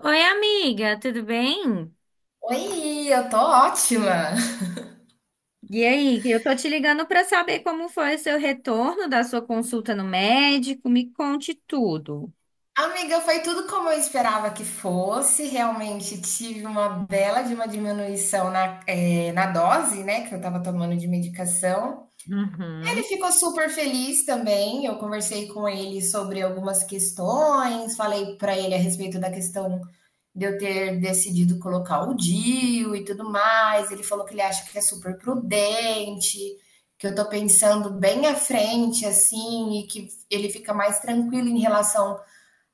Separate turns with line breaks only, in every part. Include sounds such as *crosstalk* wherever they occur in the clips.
Oi, amiga, tudo bem?
Oi, eu tô ótima.
E aí, eu tô te ligando para saber como foi o seu retorno da sua consulta no médico. Me conte tudo.
Amiga, foi tudo como eu esperava que fosse. Realmente tive uma bela de uma diminuição na, na dose, né, que eu tava tomando de medicação. Ele
Uhum,
ficou super feliz também. Eu conversei com ele sobre algumas questões, falei pra ele a respeito da questão de eu ter decidido colocar o DIU e tudo mais. Ele falou que ele acha que é super prudente, que eu tô pensando bem à frente, assim, e que ele fica mais tranquilo em relação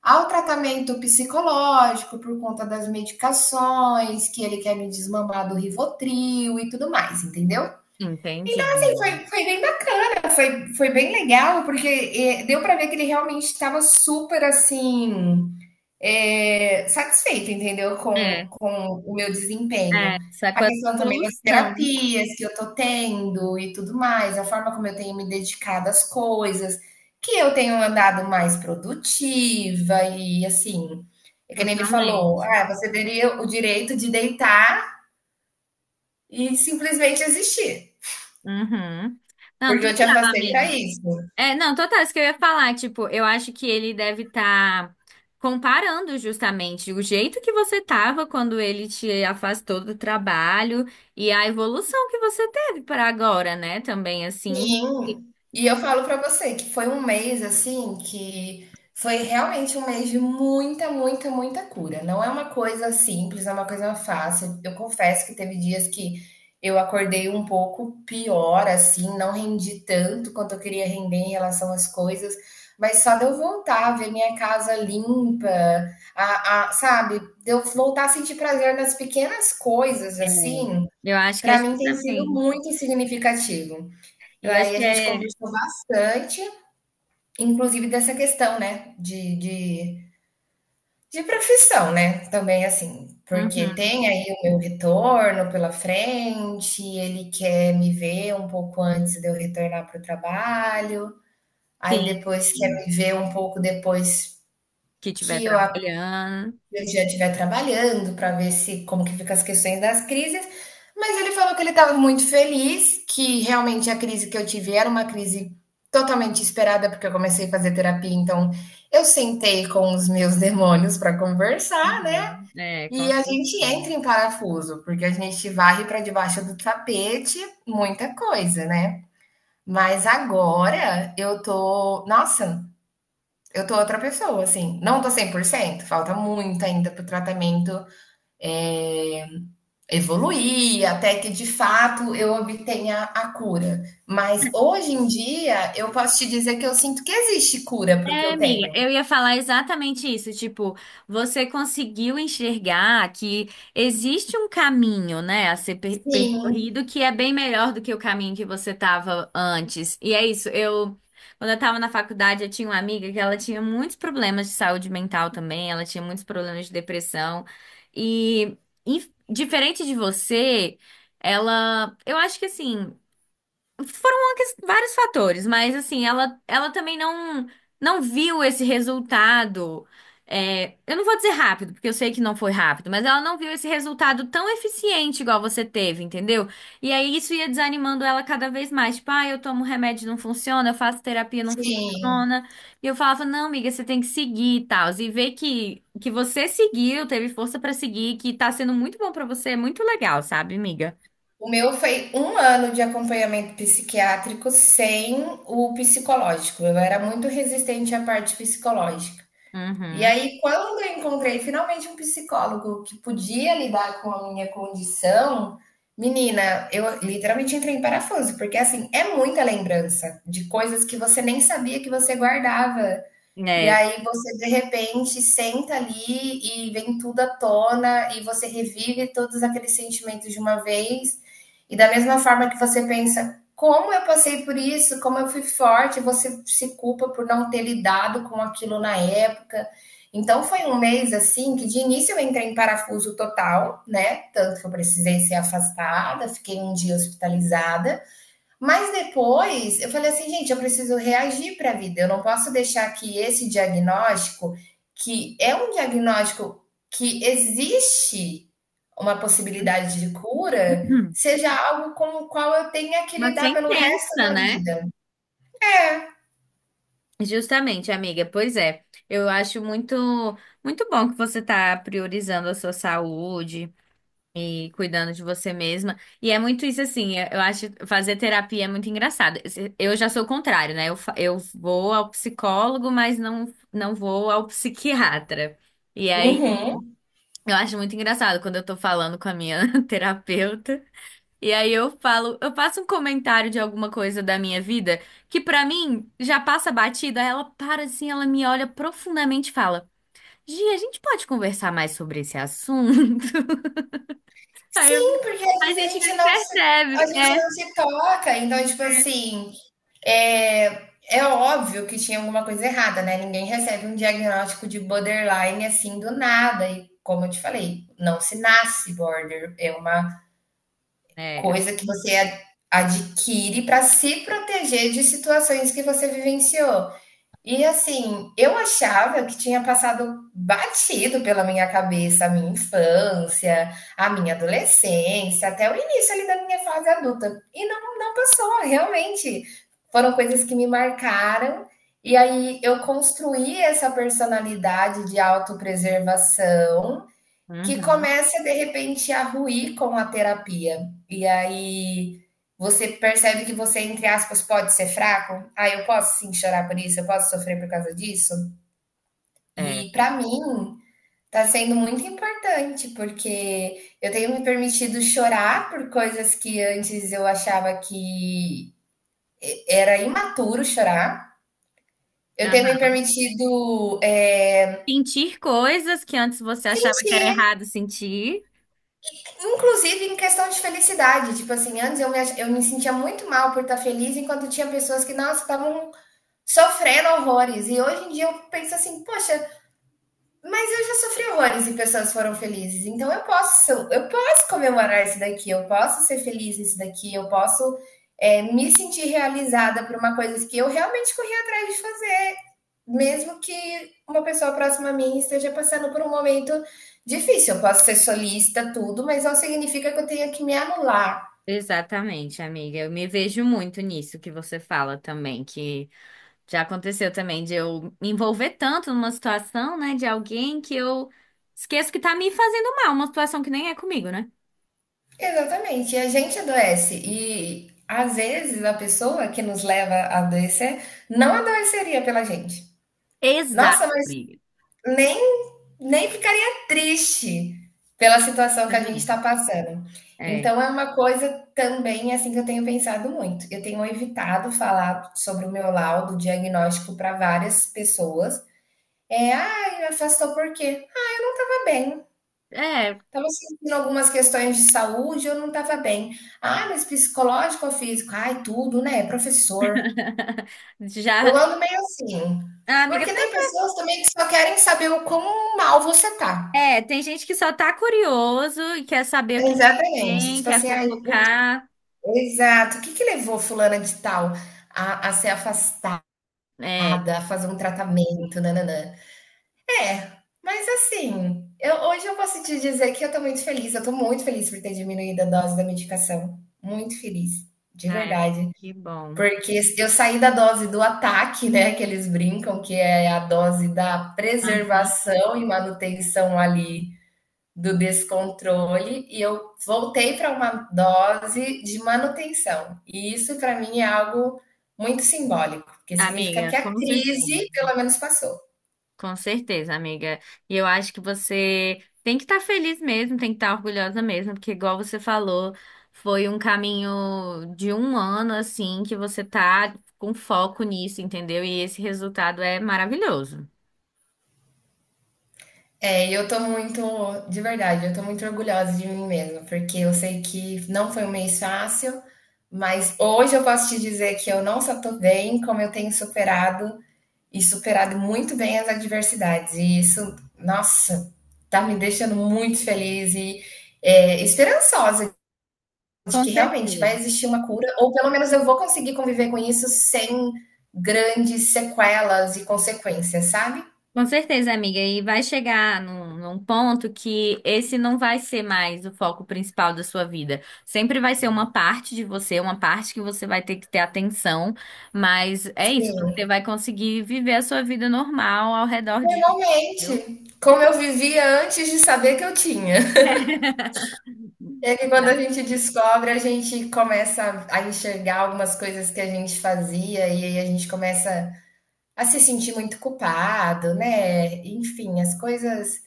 ao tratamento psicológico por conta das medicações, que ele quer me desmamar do Rivotril e tudo mais, entendeu?
entendi,
Então, assim,
amiga.
foi bem bacana, foi bem legal, porque deu pra ver que ele realmente estava super, assim, é, satisfeita, entendeu? Com,
É,
com o meu desempenho.
é, só
A
com a
questão também das
solução,
terapias que eu tô tendo e tudo mais, a forma como eu tenho me dedicado às coisas, que eu tenho andado mais produtiva e assim, é que nem ele falou,
totalmente.
ah, você teria o direito de deitar e simplesmente existir,
Uhum. Não,
porque eu te
total,
afastei
amiga.
para isso.
É, não, total, isso que eu ia falar, tipo, eu acho que ele deve estar comparando justamente o jeito que você tava quando ele te afastou do trabalho e a evolução que você teve para agora, né? Também assim.
Sim, e eu falo pra você que foi um mês assim que foi realmente um mês de muita, muita, muita cura. Não é uma coisa simples, não é uma coisa fácil. Eu confesso que teve dias que eu acordei um pouco pior, assim, não rendi tanto quanto eu queria render em relação às coisas, mas só de eu voltar, ver minha casa limpa, sabe, de eu voltar a sentir prazer nas pequenas coisas, assim,
Eu acho que é
pra mim tem sido
justamente.
muito significativo.
Eu
E
acho
aí a
que
gente
é.
conversou bastante, inclusive dessa questão, né, de profissão, né, também assim, porque
Uhum,
tem aí o meu retorno pela frente, ele quer me ver um pouco antes de eu retornar para o trabalho, aí
sim,
depois quer
sim.
me ver um pouco depois
Que estiver
que eu
trabalhando.
Mediante vai trabalhando para ver se como que fica as questões das crises, mas ele falou que ele estava muito feliz, que realmente a crise que eu tive era uma crise totalmente esperada, porque eu comecei a fazer terapia, então eu sentei com os meus *laughs* demônios para conversar, né?
Uhum, é,
E
com
a gente entra
certeza.
em parafuso, porque a gente varre para debaixo do tapete muita coisa, né? Mas agora eu tô, nossa, eu tô outra pessoa, assim. Não tô 100%, falta muito ainda pro tratamento é, evoluir até que de fato eu obtenha a cura. Mas hoje em dia eu posso te dizer que eu sinto que existe cura para o que
É,
eu
amiga,
tenho.
eu ia falar exatamente isso. Tipo, você conseguiu enxergar que existe um caminho, né, a ser
Sim,
percorrido que é bem melhor do que o caminho que você tava antes. E é isso. Eu, quando eu tava na faculdade, eu tinha uma amiga que ela tinha muitos problemas de saúde mental também, ela tinha muitos problemas de depressão. E, diferente de você, ela, eu acho que assim. Foram uma vários fatores, mas assim, ela também não, não viu esse resultado. É, eu não vou dizer rápido, porque eu sei que não foi rápido, mas ela não viu esse resultado tão eficiente igual você teve, entendeu? E aí isso ia desanimando ela cada vez mais. Tipo, ah, eu tomo remédio, não funciona, eu faço terapia, não
sim.
funciona. E eu falava, não, amiga, você tem que seguir e tal. E ver que você seguiu, teve força pra seguir, que tá sendo muito bom pra você, é muito legal, sabe, amiga?
O meu foi um ano de acompanhamento psiquiátrico sem o psicológico. Eu era muito resistente à parte psicológica. E
Uhum.
aí, quando eu encontrei finalmente um psicólogo que podia lidar com a minha condição, menina, eu literalmente entrei em parafuso, porque assim, é muita lembrança de coisas que você nem sabia que você guardava. E
É.
aí você de repente senta ali e vem tudo à tona e você revive todos aqueles sentimentos de uma vez. E da mesma forma que você pensa, como eu passei por isso, como eu fui forte, você se culpa por não ter lidado com aquilo na época. Então foi um mês assim que de início eu entrei em parafuso total, né? Tanto que eu precisei ser afastada, fiquei um dia hospitalizada. Mas depois eu falei assim, gente, eu preciso reagir para a vida. Eu não posso deixar que esse diagnóstico, que é um diagnóstico que existe uma possibilidade de cura,
*clears throat*
seja algo com o qual eu tenha que
Uma
lidar pelo resto
sentença,
da
né?
vida. É.
Justamente, amiga. Pois é. Eu acho muito, muito bom que você tá priorizando a sua saúde e cuidando de você mesma. E é muito isso assim, é, eu acho fazer terapia é muito engraçado. Eu já sou o contrário, né? Eu, eu vou ao psicólogo, mas não, não vou ao psiquiatra. E aí,
Uhum.
eu acho muito engraçado quando eu tô falando com a minha *laughs* terapeuta. E aí eu falo, eu faço um comentário de alguma coisa da minha vida que pra mim já passa batida, ela para assim, ela me olha profundamente e fala: Gi, a gente pode conversar mais sobre esse assunto? *laughs* Aí eu,
Sim, porque às
a
vezes
gente nem
a
percebe.
gente
É.
não se toca. Então, tipo assim, é, é óbvio que tinha alguma coisa errada, né? Ninguém recebe um diagnóstico de borderline assim do nada. E como eu te falei, não se nasce border. É uma
É.
coisa que você adquire para se proteger de situações que você vivenciou. E assim, eu achava que tinha passado batido pela minha cabeça a minha infância, a minha adolescência, até o início ali da minha fase adulta. E não, não passou, realmente. Foram coisas que me marcaram. E aí eu construí essa personalidade de autopreservação que
Uhum.
começa de repente a ruir com a terapia. E aí você percebe que você, entre aspas, pode ser fraco. Ah, eu posso sim chorar por isso, eu posso sofrer por causa disso.
É.
E pra mim tá sendo muito importante, porque eu tenho me permitido chorar por coisas que antes eu achava que era imaturo chorar. Eu tenho
Aham.
me permitido,
Sentir coisas que antes você achava que era
sentir
errado sentir.
inclusive em questão de felicidade, tipo assim, antes eu me sentia muito mal por estar feliz, enquanto tinha pessoas que, nossa, estavam sofrendo horrores. E hoje em dia eu penso assim, poxa, mas eu já sofri horrores e pessoas foram felizes. Então eu posso comemorar isso daqui, eu posso ser feliz nisso daqui, eu posso, me sentir realizada por uma coisa que eu realmente corri atrás de mesmo que uma pessoa próxima a mim esteja passando por um momento difícil. Eu posso ser solista, tudo, mas não significa que eu tenha que me anular.
Exatamente, amiga. Eu me vejo muito nisso que você fala também, que já aconteceu também de eu me envolver tanto numa situação, né, de alguém que eu esqueço que tá me fazendo mal, uma situação que nem é comigo, né?
Exatamente, e a gente adoece. E às vezes a pessoa que nos leva a adoecer não adoeceria pela gente.
Exato,
Nossa, mas
amiga.
nem nem ficaria triste pela situação que a gente está passando.
É.
Então, é uma coisa também assim que eu tenho pensado muito. Eu tenho evitado falar sobre o meu laudo diagnóstico para várias pessoas. É, ah, me afastou por quê? Estava bem.
É.
Estava sentindo algumas questões de saúde, eu não estava bem. Ah, mas psicológico ou físico? Ai, tudo, né? Professor.
*laughs* Já.
Eu ando meio assim.
A amiga.
Porque
Tá-
tem pessoas também que só querem saber o quão mal você tá.
É, tem gente que só tá curioso e quer saber o que que
Exatamente.
tem,
Tipo
quer
assim, ai,
fofocar.
exato. O que que levou fulana de tal a ser afastada,
É.
a fazer um tratamento, nananã? É, mas assim, eu hoje eu posso te dizer que eu estou muito feliz, eu estou muito feliz por ter diminuído a dose da medicação, muito feliz, de
Ai, amiga,
verdade.
que bom.
Porque eu saí da dose do ataque, né, que eles brincam, que é a dose da
Aham.
preservação e manutenção ali do descontrole e eu voltei para uma dose de manutenção. E isso para mim é algo muito simbólico, porque significa que
Amiga,
a
como você.
crise pelo menos passou.
Com certeza, amiga. E eu acho que você tem que estar feliz mesmo, tem que estar orgulhosa mesmo, porque igual você falou, foi um caminho de um ano assim que você tá com foco nisso, entendeu? E esse resultado é maravilhoso.
É, e eu tô muito, de verdade, eu tô muito orgulhosa de mim mesma, porque eu sei que não foi um mês fácil, mas hoje eu posso te dizer que eu não só tô bem, como eu tenho superado e superado muito bem as adversidades. E isso, nossa, tá me deixando muito feliz e esperançosa de que
Com
realmente vai
certeza.
existir uma cura, ou pelo menos eu vou conseguir conviver com isso sem grandes sequelas e consequências, sabe?
Com certeza, amiga. E vai chegar num, num ponto que esse não vai ser mais o foco principal da sua vida. Sempre vai ser uma parte de você, uma parte que você vai ter que ter atenção. Mas é isso, você
Sim,
vai conseguir viver a sua vida normal ao redor disso, entendeu?
normalmente, como eu vivia antes de saber que eu tinha. *laughs*
Exato.
É que
*laughs*
quando a gente descobre, a gente começa a enxergar algumas coisas que a gente fazia e aí a gente começa a se sentir muito culpado, né? Enfim, as coisas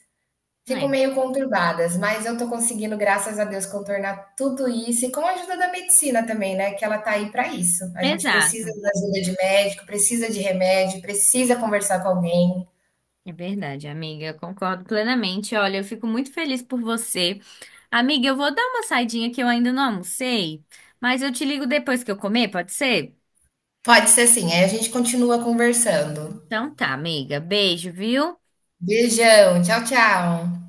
ficam
É.
meio conturbadas, mas eu tô conseguindo, graças a Deus, contornar tudo isso e com a ajuda da medicina também, né? Que ela tá aí pra isso. A gente precisa
Exato.
da ajuda de médico, precisa de remédio, precisa conversar com alguém.
É verdade, amiga. Eu concordo plenamente. Olha, eu fico muito feliz por você. Amiga, eu vou dar uma saidinha que eu ainda não almocei, mas eu te ligo depois que eu comer, pode ser?
Pode ser assim, aí a gente continua conversando.
Então tá, amiga. Beijo, viu?
Beijão, tchau, tchau.